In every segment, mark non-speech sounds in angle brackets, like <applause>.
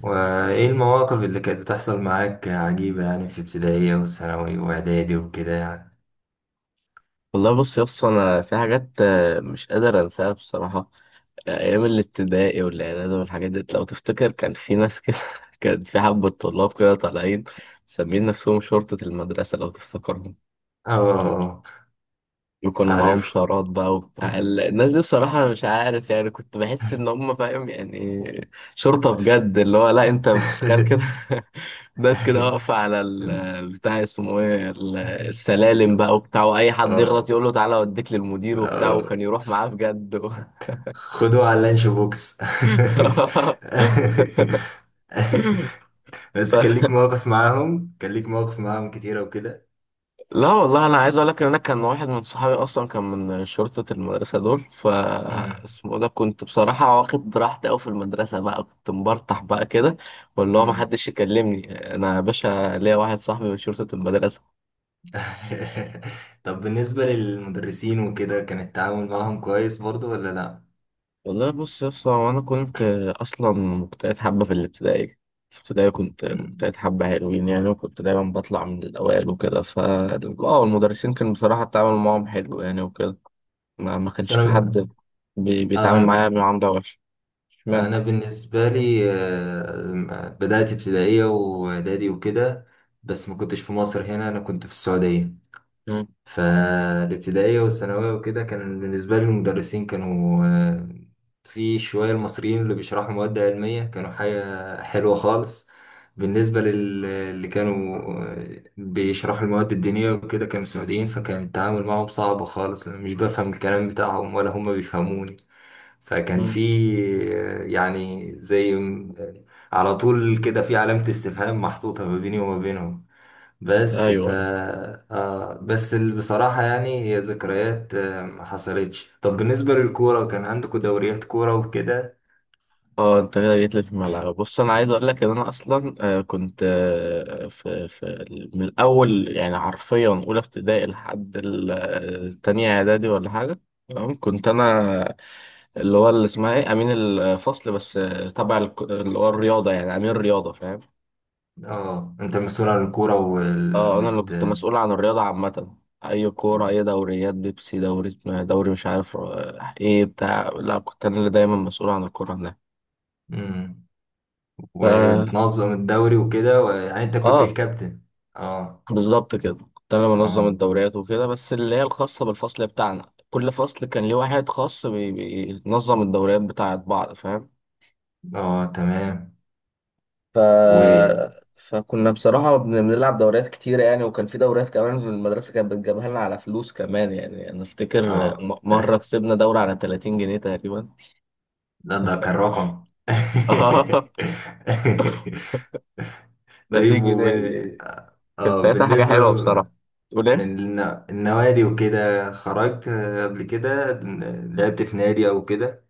وإيه المواقف اللي كانت بتحصل معاك عجيبة يعني في ابتدائية وثانوي وإعدادي وكده يعني؟ والله، بص يا اسطى، انا في حاجات مش قادر انساها بصراحه. ايام الابتدائي والاعدادي والحاجات دي لو تفتكر كان في ناس كده <laughs> كان في حبه طلاب كده طالعين مسميين نفسهم شرطه المدرسه لو تفتكرهم. اه وكانوا معاهم عارف شارات بقى وبتاع الناس دي. بصراحه انا مش عارف يعني، كنت بحس ان هم فاهم يعني شرطه بجد، اللي هو لا، انت بتخيل كده <laughs> ناس كده واقفة <laughs> على البتاع اسمه ايه، السلالم بقى وبتاع. واي حد يغلط اه يقول له: تعالى اوديك للمدير وبتاع. آه. وكان يروح معاه بجد خدوه على اللانش بوكس. <laughs> <laughs> بس كان ليك مواقف معاهم كتيرة وكده. لا والله، انا عايز اقول لك ان انا كان واحد من صحابي اصلا كان من شرطة المدرسة دول مم. اسمه ده. كنت بصراحة واخد براحتي قوي في المدرسة بقى، كنت مبرطح بقى كده. واللي هو ما مم. حدش يكلمني انا يا باشا، ليا واحد صاحبي من شرطة المدرسة. <laughs> طب بالنسبة للمدرسين وكده كان التعامل معاهم كويس برضو ولا لأ؟ والله، بص يا اسطى، هو انا كنت اصلا مجتهد حبه في الابتدائي. في الابتدائي كنت مم. مجتهد حبه حلوين يعني، وكنت دايما بطلع من الاوائل وكده. ف المدرسين كان بصراحه التعامل معاهم حلو يعني وكده. ما بس كانش في أنا حد بيتعامل معايا أنا بمعامله وحشه. اشمعنى؟ انا بالنسبه لي، بدات ابتدائيه واعدادي وكده، بس ما كنتش في مصر هنا، انا كنت في السعوديه. مم. فالابتدائيه والثانويه وكده كان بالنسبه لي المدرسين كانوا في شوية المصريين اللي بيشرحوا مواد علمية كانوا حاجة حلوة خالص. بالنسبة اللي كانوا بيشرحوا المواد الدينية وكده كانوا سعوديين، فكان التعامل معهم صعب خالص، أنا مش بفهم الكلام بتاعهم ولا هم بيفهموني. فكان في مم. يعني على طول كده في علامة استفهام محطوطة ما بيني وما بينهم. بس ف ايوه. آه بس بصراحة يعني هي ذكريات ما حصلتش. طب بالنسبة للكورة كان عندكم دوريات كورة وكده؟ اه، انت كده جيت لي في الملعب. بص، انا عايز اقول لك ان انا اصلا كنت في من الاول يعني، حرفيا اولى ابتدائي لحد تانية اعدادي ولا حاجه. تمام. كنت انا اللي هو اللي اسمها ايه، امين الفصل. بس تبع اللي هو الرياضه يعني امين الرياضه، فاهم؟ اه انت مسؤول عن الكورة وال... اه، انا اللي بت... كنت مسؤول عن الرياضه عامه. اي كوره، اي دوريات، بيبسي، دوري إيه، دوري مش عارف ايه بتاع. لا، كنت انا اللي دايما مسؤول عن الكوره هناك. مم. ف- وبتنظم الدوري وكده و... يعني انت كنت اه، الكابتن؟ اه بالظبط كده. كنت انا منظم اه الدوريات وكده، بس اللي هي الخاصه بالفصل بتاعنا. كل فصل كان ليه واحد خاص بينظم الدوريات بتاعت بعض، فاهم؟ اه تمام ف... و فكنا بصراحه بنلعب دوريات كتير يعني. وكان في دوريات كمان في المدرسه كانت بتجيبها لنا على فلوس كمان يعني. انا افتكر اه. مره كسبنا دوره على 30 جنيه تقريبا. <laughs> ده كان رقم. <laughs> اه، <laughs> 30 طيب جنيه ومن... يعني. كانت اه ساعتها حاجه بالنسبة. حلوه بصراحه. تقول إيه؟ لأن النوادي وكده خرجت قبل كده، لعبت في نادي أو كده؟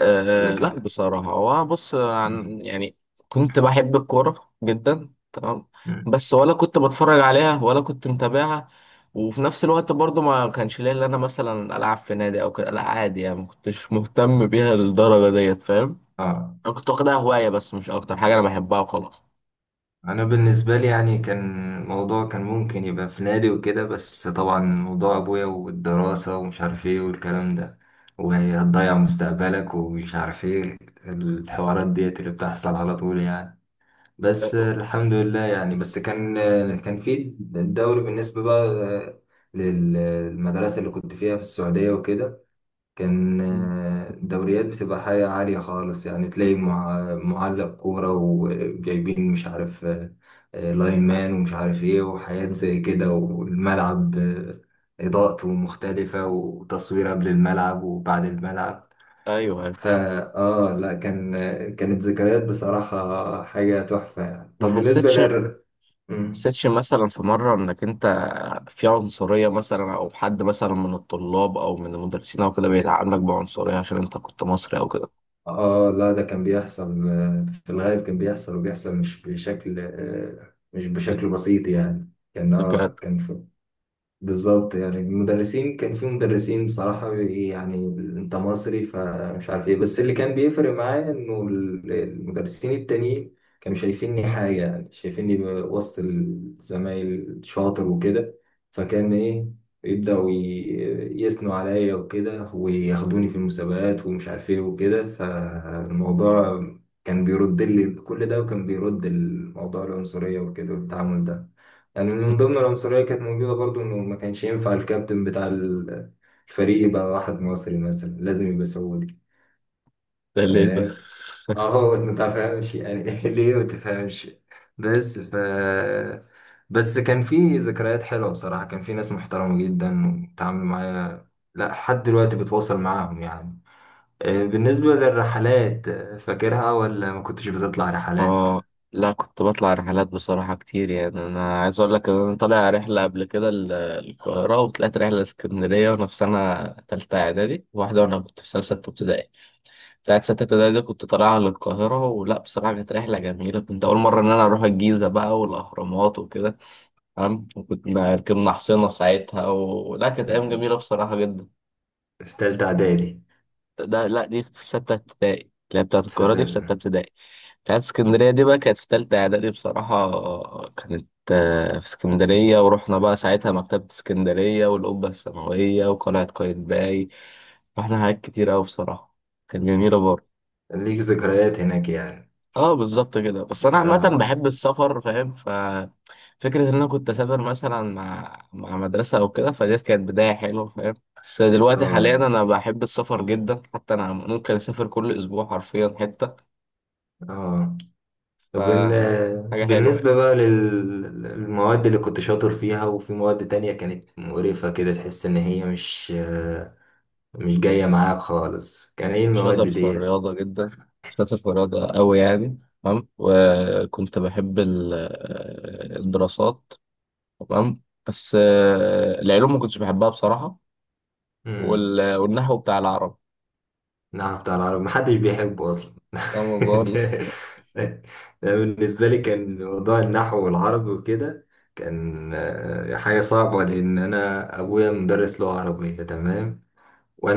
أه، لا، لكن بصراحة هو بص، عن يعني كنت بحب الكورة جدا تمام. بس ولا كنت بتفرج عليها ولا كنت متابعها. وفي نفس الوقت برضه ما كانش ليا اللي انا مثلا العب في نادي او كده. لا عادي يعني، ما كنتش مهتم بيها للدرجة ديت، فاهم؟ اه انا كنت واخدها هواية بس، مش اكتر. حاجة انا بحبها وخلاص. أنا بالنسبة لي يعني كان الموضوع كان ممكن يبقى في نادي وكده، بس طبعا موضوع أبويا والدراسة ومش عارف إيه والكلام ده، وهتضيع مستقبلك ومش عارف إيه، الحوارات ديت اللي بتحصل على طول يعني. بس أه، الحمد لله يعني، بس كان في الدوري بالنسبة بقى للمدرسة اللي كنت فيها في السعودية وكده، كان أه، دوريات بتبقى حاجة عالية خالص يعني، تلاقي معلق كورة وجايبين مش عارف لاين مان ومش عارف ايه وحاجات زي كده، والملعب إضاءته مختلفة وتصوير قبل الملعب وبعد الملعب. ايوه، أيوة. فا اه لا كان كانت ذكريات بصراحة حاجة تحفة يعني. ما طب بالنسبة حسيتش لل مم. حسيتش مثلا في مرة إنك أنت في عنصرية، مثلا أو حد مثلا من الطلاب أو من المدرسين أو كده بيتعاملك بعنصرية عشان أنت كنت مصري أو كده؟ اه لا ده كان بيحصل، في الغالب كان بيحصل، وبيحصل مش بشكل مش كنت بشكل بسيط يعني، كان تكاد. اه كان في بالظبط. يعني المدرسين كان في مدرسين بصراحة يعني، انت مصري فمش عارف ايه، بس اللي كان بيفرق معايا انه المدرسين التانيين كانوا شايفيني حاجة، يعني شايفيني وسط الزمايل شاطر وكده، فكان ايه يبدأوا يثنوا عليا وكده وياخدوني في المسابقات ومش عارف ايه وكده. فالموضوع كان بيرد لي كل ده، وكان بيرد الموضوع العنصرية وكده والتعامل ده. يعني من ضمن <laughs> العنصرية كانت موجودة برضو، إنه ما كانش ينفع الكابتن بتاع الفريق يبقى واحد مصري مثلا، لازم يبقى سعودي. ده ليه ده؟ تمام. أهو ما تفهمش يعني <laughs> ليه ما تفهمش. بس ف بس كان في ذكريات حلوة بصراحة، كان في ناس محترمة جدا وتعاملوا معايا، لا لحد دلوقتي بتواصل معاهم يعني. بالنسبة للرحلات، فاكرها ولا ما كنتش بتطلع رحلات؟ آه، لا، كنت بطلع رحلات بصراحة كتير يعني. أنا عايز أقول لك إن أنا طالع رحلة قبل كده القاهرة، وطلعت رحلة اسكندرية وأنا في سنة تالتة إعدادي، واحدة وأنا كنت في سنة ستة ابتدائي. بتاعت ستة ابتدائي دي كنت طالعها للقاهرة. ولا بصراحة كانت رحلة جميلة، كنت أول مرة إن أنا أروح الجيزة بقى والأهرامات وكده. تمام. وكنا ركبنا حصينة ساعتها. ولا كانت أيام جميلة <laughs> بصراحة جدا. في تالتة إعدادي ده لا، دي في ستة ابتدائي. لا، بتاعت القاهرة دي في ستة ستة. ابتدائي. بتاعت اسكندرية دي بقى كانت في تالتة إعدادي بصراحة. كانت في اسكندرية، ورحنا بقى ساعتها مكتبة اسكندرية والقبة السماوية وقلعة قايتباي. رحنا حاجات كتير أوي بصراحة. كانت جميلة برضه. ليك ذكريات هناك يعني؟ اه، بالظبط كده. بس انا عامه اه بحب السفر، فاهم؟ فكره ان انا كنت اسافر مثلا مع مدرسه او كده، فدي كانت بدايه حلوه، فاهم؟ بس دلوقتي حاليا اه انا بحب السفر جدا، حتى انا ممكن اسافر كل اسبوع حرفيا حته. اه. ف طب حاجه حلوه يعني. بالنسبة بقى للمواد اللي كنت شاطر فيها، وفي مواد تانية كانت مقرفة كده تحس إن هي مش مش جاية معاك خالص، كان إيه المواد شاطر في ديت؟ الرياضه جدا، شاطر في الرياضه قوي يعني تمام. وكنت بحب الدراسات تمام. بس العلوم ما كنتش بحبها بصراحه. مم. والنحو بتاع العرب. نعم بتاع العربي محدش بيحبه أصلا. تمام. <laughs> ده ده بالنسبة لي كان موضوع النحو والعربي وكده، كان حاجة صعبة، لأن أنا أبويا مدرس لغة عربية، تمام،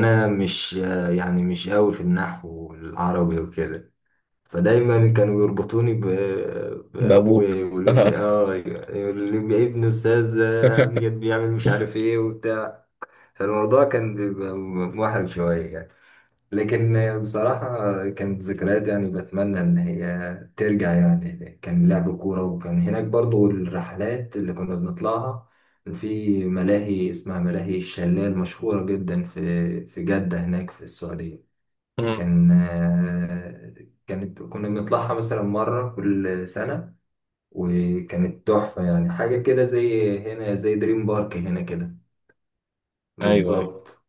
مم. مش يعني مش قوي في النحو العربي وكده، فدايما كانوا يربطوني بابويا، بابوك. يقولوا آه. لي اه يقول لي ابن استاذ <laughs> امجد بيعمل مش عارف ايه وبتاع، فالموضوع كان بيبقى محرج شويه يعني. لكن بصراحة كانت ذكريات يعني بتمنى إن هي ترجع يعني، كان لعب كورة، وكان هناك برضو الرحلات اللي كنا بنطلعها، كان في ملاهي اسمها ملاهي الشلال مشهورة جدا في جدة هناك في السعودية. مم. كان كانت كنا بنطلعها مثلا مرة كل سنة، وكانت تحفة يعني حاجة كده زي هنا زي دريم بارك هنا كده ايوه، ايوه. بالظبط.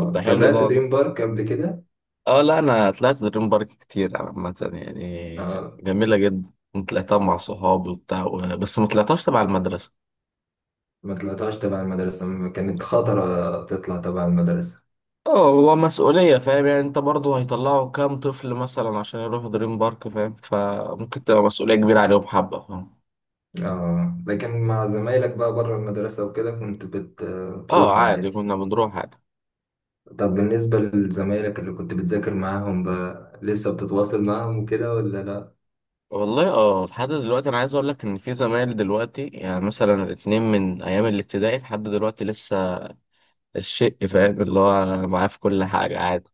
طب ده حلو طلعت ده والله. دريم بارك قبل كده. اه، لا، انا طلعت دريم بارك كتير عامة يعني، آه. جميلة جدا. طلعتها مع صحابي وبتاع بس ما طلعتهاش تبع المدرسة. ما طلعتهاش تبع المدرسة. كانت لا. خطرة تطلع تبع المدرسة. اه، هو مسؤولية، فاهم؟ يعني انت برضو، هيطلعوا كام طفل مثلا عشان يروحوا دريم بارك، فاهم؟ فممكن تبقى مسؤولية كبيرة عليهم حبة، فاهم؟ اه لكن مع زمايلك بقى بره المدرسة وكده كنت اه، بتروح عادي عادي؟ كنا بنروح عادي. طب بالنسبة لزمايلك اللي كنت بتذاكر معاهم بقى، لسه بتتواصل معاهم وكده ولا لا؟ والله، اه، لحد دلوقتي انا عايز اقول لك ان في زمايل دلوقتي، يعني مثلا الاتنين من ايام الابتدائي لحد دلوقتي لسه. الشق، فاهم؟ اللي هو معاه في كل حاجة عادي.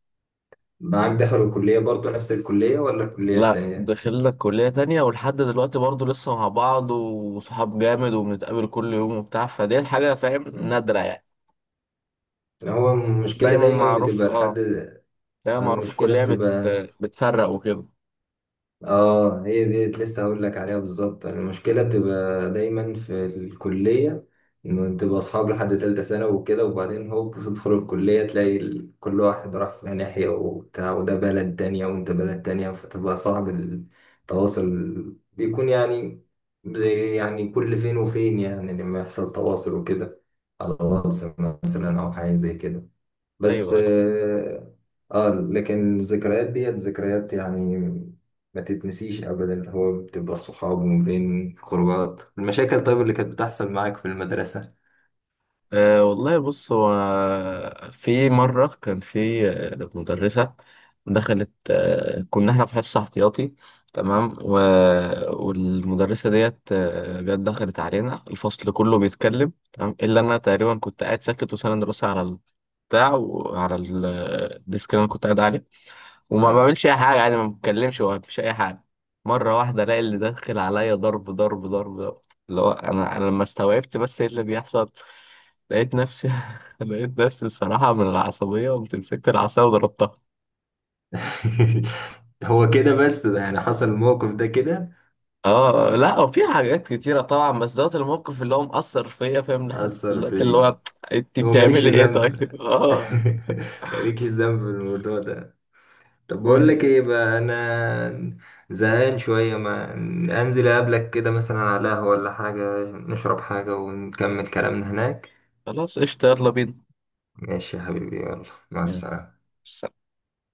معاك دخلوا الكلية برضه نفس الكلية ولا الكلية لا، التانية؟ دخلنا كلية تانية. ولحد دلوقتي برضه لسه مع بعض وصحاب جامد، وبنتقابل كل يوم وبتاع. فدي حاجة، فاهم، مم. نادرة يعني. هو المشكلة دايما دايما معروف، بتبقى لحد. اه، دايما معروف المشكلة الكلية بتبقى. بتفرق وكده. اه هي ديت لسه هقول لك عليها بالظبط، يعني المشكله بتبقى دايما في الكليه، انه تبقى اصحاب لحد تالتة سنه وكده، وبعدين هوب تدخل الكليه تلاقي كل واحد راح في ناحيه وبتاع، وده بلد تانية وانت بلد تانية، فتبقى صعب التواصل، بيكون يعني يعني كل فين وفين يعني لما يحصل تواصل وكده، على واتس مثلا او حاجه زي كده. بس ايوه، أيوه. اه لكن الذكريات ديت ذكريات يعني ما تتنسيش ابدا. هو بتبقى الصحاب، وما بين خروجات المشاكل طيب اللي كانت بتحصل معاك في المدرسة. أه والله، بص هو في مرة كان في مدرسة. دخلت، كنا احنا في حصة احتياطي تمام. والمدرسة ديت جت دخلت علينا، الفصل كله بيتكلم تمام إلا أنا تقريبا. كنت قاعد ساكت وساند راسي على البتاع وعلى الديسك اللي أنا كنت قاعد عليه. وما مم. بعملش أي حاجة يعني، ما بتكلمش وما بعملش أي حاجة. مرة واحدة ألاقي اللي داخل عليا ضرب، ضرب، ضرب، ضرب. اللي هو، أنا لما استوعبت بس إيه اللي بيحصل. لقيت نفسي <laughs> لقيت نفسي بصراحة، من العصبية قمت مسكت العصاية وضربتها. <laughs> هو كده بس؟ ده يعني حصل الموقف ده كده؟ اه، لا، وفي حاجات كتيرة طبعا، بس دوت الموقف اللي هو مأثر فيا، فاهم، لحد أثر دلوقتي اللي فيك. هو، انت هو مالكش بتعملي ايه ذنب. <laughs> طيب؟ <laughs> اه مالكش ذنب في الموضوع ده. طب بقول لك و- ايه بقى، انا زهقان شويه، ما انزل اقابلك كده مثلا على قهوه ولا حاجه، نشرب حاجه ونكمل كلامنا هناك. خلاص قشطة، يلا بينا ماشي يا حبيبي يلا، مع يعني. السلامه.